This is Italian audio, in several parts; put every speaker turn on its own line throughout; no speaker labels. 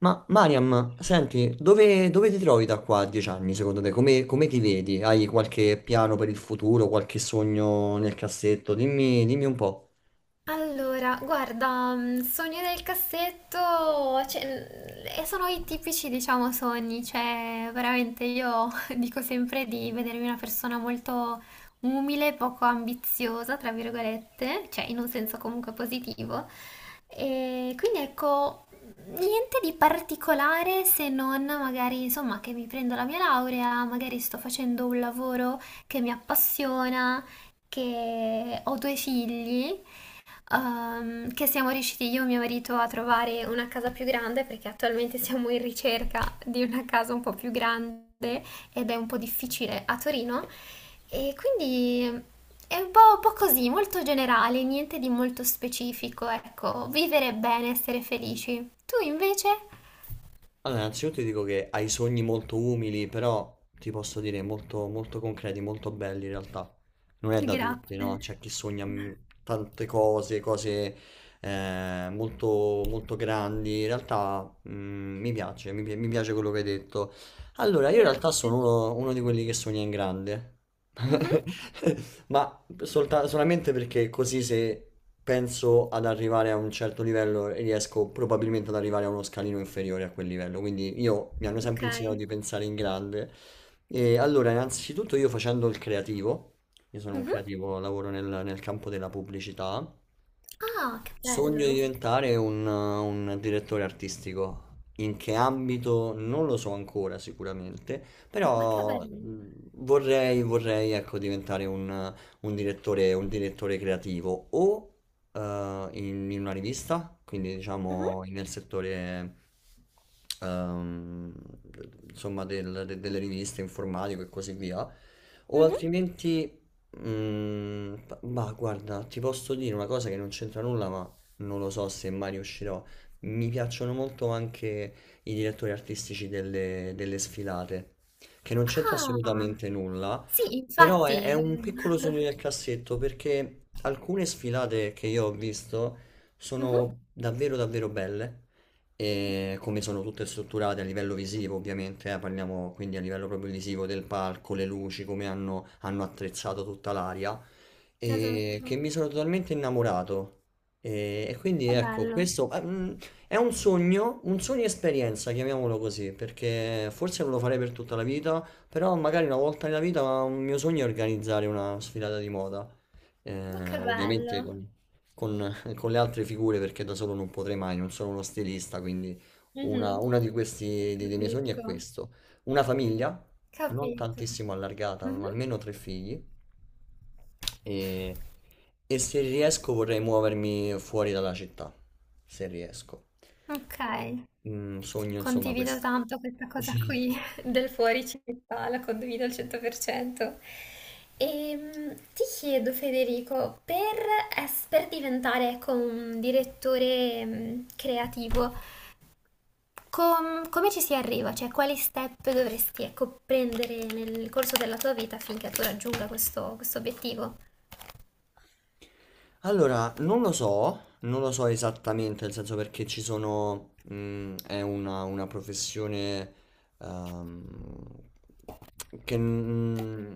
Ma Mariam, senti, dove ti trovi da qua a 10 anni secondo te? Come ti vedi? Hai qualche piano per il futuro, qualche sogno nel cassetto? Dimmi un po'.
Allora, guarda, sogni del cassetto, cioè, e sono i tipici, diciamo, sogni, cioè, veramente io dico sempre di vedermi una persona molto umile, poco ambiziosa, tra virgolette, cioè in un senso comunque positivo. E quindi ecco, niente di particolare se non magari, insomma, che mi prendo la mia laurea, magari sto facendo un lavoro che mi appassiona, che ho due figli che siamo riusciti io e mio marito a trovare una casa più grande perché attualmente siamo in ricerca di una casa un po' più grande ed è un po' difficile a Torino e quindi è un po' così, molto generale, niente di molto specifico, ecco, vivere bene, essere felici. Tu invece?
Allora, innanzitutto ti dico che hai sogni molto umili, però ti posso dire molto, molto concreti, molto belli in realtà. Non è da tutti, no?
Grazie,
C'è chi sogna tante cose, cose eh, molto, molto grandi. In realtà mi piace, mi piace quello che hai detto. Allora, io in realtà sono
grazie.
uno di quelli che sogna in grande.
Mhm,
Ma solamente perché così se penso ad arrivare a un certo livello riesco probabilmente ad arrivare a uno scalino inferiore a quel livello. Quindi io mi hanno
ok.
sempre insegnato di pensare in grande. E allora, innanzitutto io facendo il creativo, io sono un
Mhm.
creativo, lavoro nel campo della pubblicità,
Ah, che
sogno di
bello,
diventare un direttore artistico. In che ambito non lo so ancora sicuramente,
ma che
però
bello.
vorrei ecco, diventare un direttore creativo o eh, in una rivista, quindi
Mhm,
diciamo nel settore ehm, insomma delle riviste informatico e così via, o
mhm.
altrimenti, mm, ma guarda, ti posso dire una cosa che non c'entra nulla, ma non lo so se mai riuscirò. Mi piacciono molto anche i direttori artistici delle sfilate che non c'entra
Ah,
assolutamente nulla,
sì,
però è
infatti.
un piccolo sogno nel cassetto perché alcune sfilate che io ho visto
Mhm,
sono davvero davvero belle, e come sono tutte strutturate a livello visivo ovviamente, parliamo quindi a livello proprio visivo del palco, le luci, come hanno attrezzato tutta l'aria, e che
esatto.
mi sono totalmente innamorato. E quindi
Che
ecco,
bello.
questo è un sogno esperienza, chiamiamolo così, perché forse non lo farei per tutta la vita, però magari una volta nella vita un mio sogno è organizzare una sfilata di moda,
Ma che
ovviamente
bello.
con le altre figure perché da solo non potrei mai, non sono uno stilista, quindi una,
Mhm,
una di questi, dei miei sogni è
capisco.
questo. Una famiglia, non
Capito.
tantissimo allargata, ma
Mhm,
almeno 3 figli e, e se riesco vorrei muovermi fuori dalla città, se riesco.
ok.
Mm, sogno insomma
Condivido
questo.
tanto questa cosa
Sì.
qui del fuori città, la condivido al 100%. E ti chiedo, Federico, per, per diventare ecco, un direttore creativo, Come ci si arriva? Cioè, quali step dovresti ecco, prendere nel corso della tua vita affinché tu raggiunga questo obiettivo?
Allora, non lo so esattamente, nel senso perché ci sono, è una professione ehm, che, mm,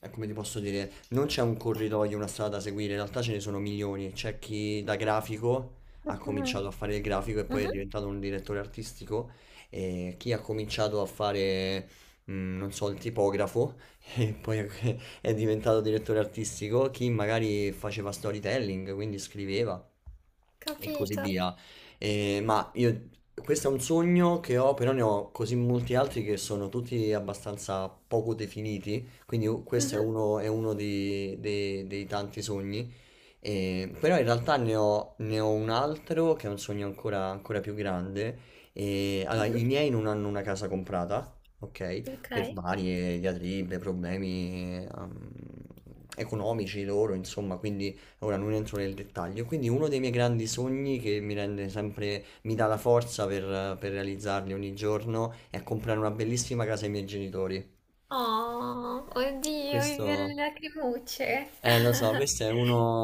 come ti posso dire, non c'è un corridoio, una strada da seguire, in realtà ce ne sono milioni. C'è chi da grafico ha
Mhm,
cominciato a fare il grafico e poi è
mhm,
diventato un direttore artistico, e chi ha cominciato a fare, non so, il tipografo e poi è diventato direttore artistico, chi magari faceva storytelling, quindi scriveva e così
capito.
via. Ma io, questo è un sogno che ho, però ne ho così molti altri che sono tutti abbastanza poco definiti, quindi questo
Mhm,
è uno dei tanti sogni però in realtà ne ho un altro che è un sogno ancora più grande. E, allora,
mhm,
i miei non hanno una casa comprata, ok?
ok.
Per varie diatribe, problemi economici loro, insomma, quindi ora non entro nel dettaglio. Quindi uno dei miei grandi sogni che mi rende sempre, mi dà la forza per realizzarli ogni giorno è comprare una bellissima casa ai miei genitori.
Oh, oddio, mi viene le
Questo...
lacrimucce.
Lo so, questo è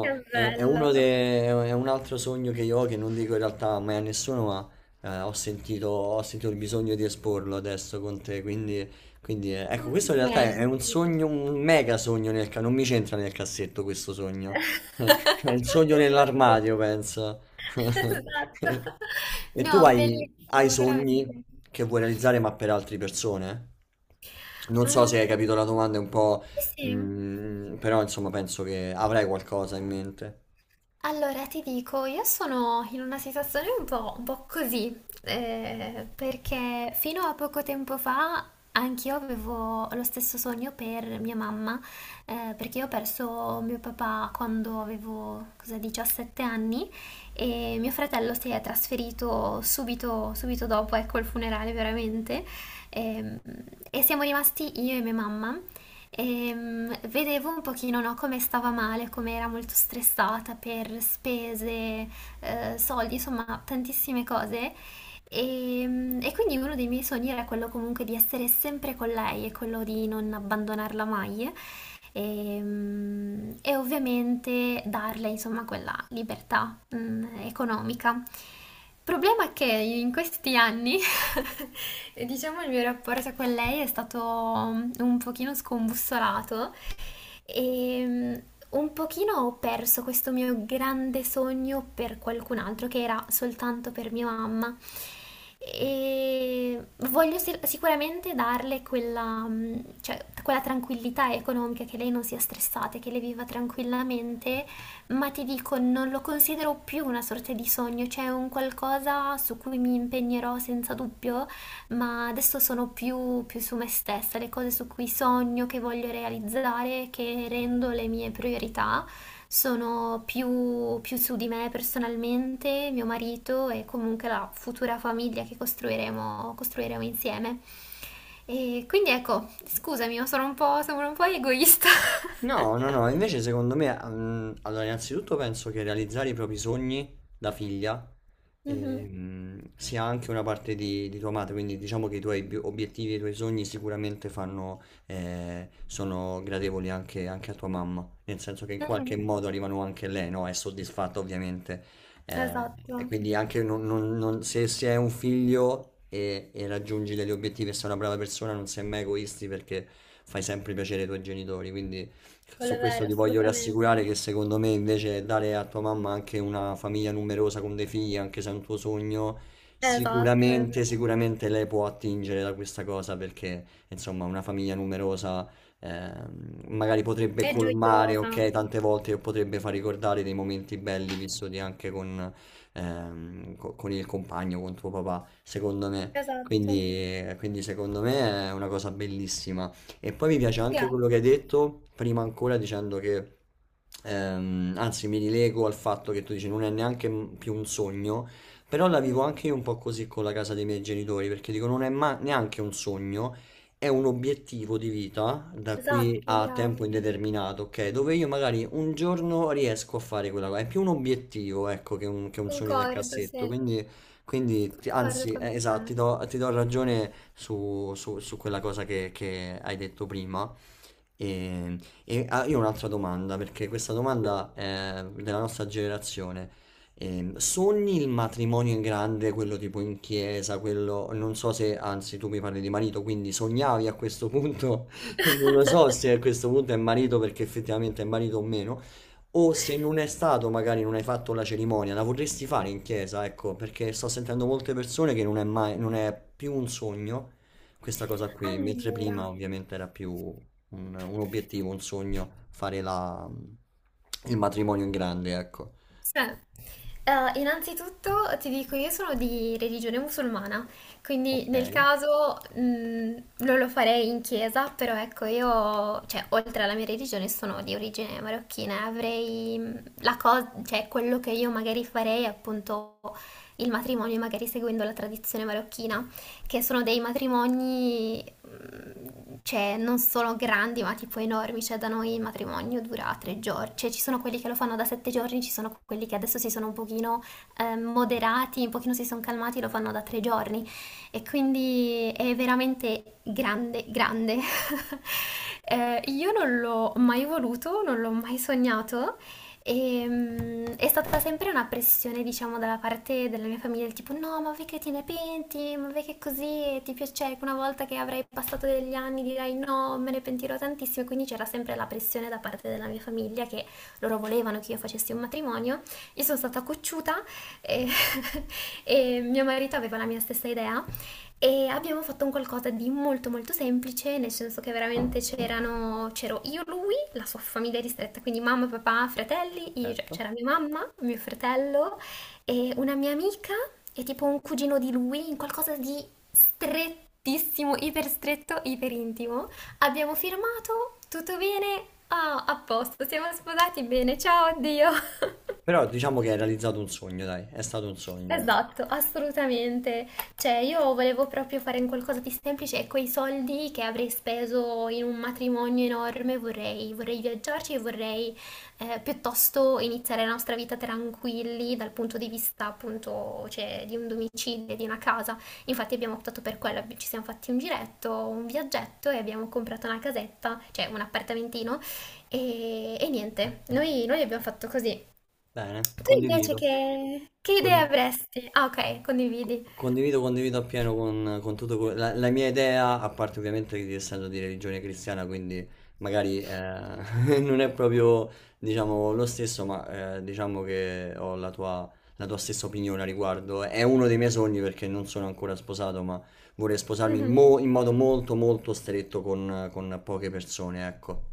Che
è uno
bello.
è un altro sogno che io ho, che non dico in realtà mai a nessuno, ma ho sentito il bisogno di esporlo adesso con te, quindi, quindi, ecco, questo in realtà è un
Complimenti.
sogno, un mega sogno, non mi c'entra nel cassetto questo sogno, è il sogno nell'armadio, penso.
Esatto.
E tu
No,
hai
bellissimo,
sogni
veramente.
che vuoi realizzare, ma per altre persone? Non so se hai
Mm,
capito la domanda, è un po'.
sì, sì.
Mm, però insomma penso che avrei qualcosa in mente.
Allora, ti dico, io sono in una situazione un po' così, perché fino a poco tempo fa anch'io avevo lo stesso sogno per mia mamma, perché io ho perso mio papà quando avevo, cosa, 17 anni e mio fratello si è trasferito subito, subito dopo, ecco, il funerale veramente, ehm, e siamo rimasti io e mia mamma. Vedevo un pochino, no, come stava male, come era molto stressata per spese, soldi, insomma, tantissime cose. E quindi uno dei miei sogni era quello comunque di essere sempre con lei e quello di non abbandonarla mai. E ovviamente darle insomma quella libertà economica. Il problema è che in questi anni, diciamo, il mio rapporto con lei è stato un pochino scombussolato e un pochino ho perso questo mio grande sogno per qualcun altro, che era soltanto per mia mamma. E voglio sicuramente darle quella, cioè, quella tranquillità economica, che lei non sia stressata, che lei viva tranquillamente, ma ti dico, non lo considero più una sorta di sogno, cioè è un qualcosa su cui mi impegnerò senza dubbio ma adesso sono più, più su me stessa, le cose su cui sogno, che voglio realizzare, che rendo le mie priorità, sono più, più su di me personalmente, mio marito e comunque la futura famiglia che costruiremo insieme. E quindi ecco, scusami, ma sono un po' egoista.
No, no, no, invece secondo me, mm, allora innanzitutto penso che realizzare i propri sogni da figlia
Mhm,
sia anche una parte di tua madre, quindi diciamo che i tuoi obiettivi e i tuoi sogni sicuramente fanno, sono gradevoli anche a tua mamma, nel senso che in qualche
mhm.
modo arrivano anche a lei, no? È soddisfatta ovviamente. Eh, e
Esatto,
quindi anche se, se hai un figlio e raggiungi degli obiettivi e sei una brava persona, non sei mai egoisti perché fai sempre piacere ai tuoi genitori, quindi...
quello
Su
è
questo
vero,
ti voglio rassicurare
assolutamente.
che secondo me invece dare a tua mamma anche una famiglia numerosa con dei figli, anche se è un tuo sogno,
Esatto, è vero.
sicuramente lei può attingere da questa cosa perché insomma una famiglia numerosa magari potrebbe
È
colmare,
gioiosa.
ok, tante volte o potrebbe far ricordare dei momenti belli vissuti anche con, con il compagno, con tuo papà, secondo me.
Esatto.
Quindi secondo me è una cosa bellissima. E poi mi piace anche
Grazie.
quello che hai detto, prima ancora dicendo che, anzi mi rilego al fatto che tu dici non è neanche più un sogno, però la vivo
Mh-mh.
anche io un po' così con la casa dei miei genitori, perché dico non è neanche un sogno, è un obiettivo di vita da qui
Esatto,
a
brava.
tempo indeterminato, ok? Dove io magari un giorno riesco a fare quella cosa, è più un obiettivo, ecco, che un sogno nel
Concordo,
cassetto,
sì.
quindi,
Concordo
anzi,
con te.
esatto, ti do ragione su, su quella cosa che hai detto prima. E, io ho un'altra domanda, perché questa
Mh-mh.
domanda è della nostra generazione. Sogni il matrimonio in grande, quello tipo in chiesa, quello non so se, anzi, tu mi parli di marito, quindi sognavi a questo punto, non lo so se a questo punto è marito perché effettivamente è marito o meno, o se non è stato, magari non hai fatto la cerimonia, la vorresti fare in chiesa, ecco, perché sto sentendo molte persone che non è mai, non è più un sogno questa cosa qui, mentre prima
Allora,
ovviamente era più un obiettivo, un sogno, il matrimonio in grande, ecco.
sì. Innanzitutto ti dico, io sono di religione musulmana, quindi
Ok,
nel caso non lo farei in chiesa, però ecco, io, cioè, oltre alla mia religione sono di origine marocchina, e avrei la cosa, cioè, quello che io magari farei è appunto il matrimonio, magari seguendo la tradizione marocchina, che sono dei matrimoni cioè non sono grandi ma tipo enormi, cioè da noi il matrimonio dura 3 giorni, cioè ci sono quelli che lo fanno da 7 giorni, ci sono quelli che adesso si sono un pochino moderati, un pochino si sono calmati, lo fanno da 3 giorni e quindi è veramente grande, grande. Io non l'ho mai voluto, non l'ho mai sognato, e, è stata sempre una pressione, diciamo, dalla parte della mia famiglia, del tipo, no, ma vedi che te ne penti, ma vedi che così, e ti piace, cioè, una volta che avrai passato degli anni dirai no, me ne pentirò tantissimo, quindi c'era sempre la pressione da parte della mia famiglia che loro volevano che io facessi un matrimonio, io sono stata cocciuta e, e mio marito aveva la mia stessa idea e abbiamo fatto un qualcosa di molto molto semplice, nel senso che veramente c'erano, c'ero io, lui, la sua famiglia ristretta, quindi mamma, papà, fratelli, cioè,
certo.
c'era mia mamma, mio fratello e una mia amica e tipo un cugino di lui, in qualcosa di strettissimo, iper stretto, iper intimo. Abbiamo firmato, tutto bene, ah, a posto, siamo sposati bene, ciao, addio.
Però diciamo che hai realizzato un sogno, dai, è stato un sogno, dai.
Esatto, assolutamente. Cioè, io volevo proprio fare un qualcosa di semplice e quei soldi che avrei speso in un matrimonio enorme vorrei viaggiarci e vorrei piuttosto iniziare la nostra vita tranquilli dal punto di vista appunto, cioè, di un domicilio, di una casa. Infatti abbiamo optato per quello, ci siamo fatti un giretto, un viaggetto e abbiamo comprato una casetta, cioè un appartamentino e niente, noi abbiamo fatto così.
Bene,
Tu invece
condivido.
che idee
Con-
avresti? Ah, ok, condividi.
Condivido, condivido appieno con tutto la mia idea, a parte ovviamente di essendo di religione cristiana, quindi magari non è proprio diciamo, lo stesso, ma diciamo che ho la tua stessa opinione a riguardo. È uno dei miei sogni perché non sono ancora sposato, ma vorrei sposarmi
Mhm.
in modo molto molto stretto con poche persone, ecco.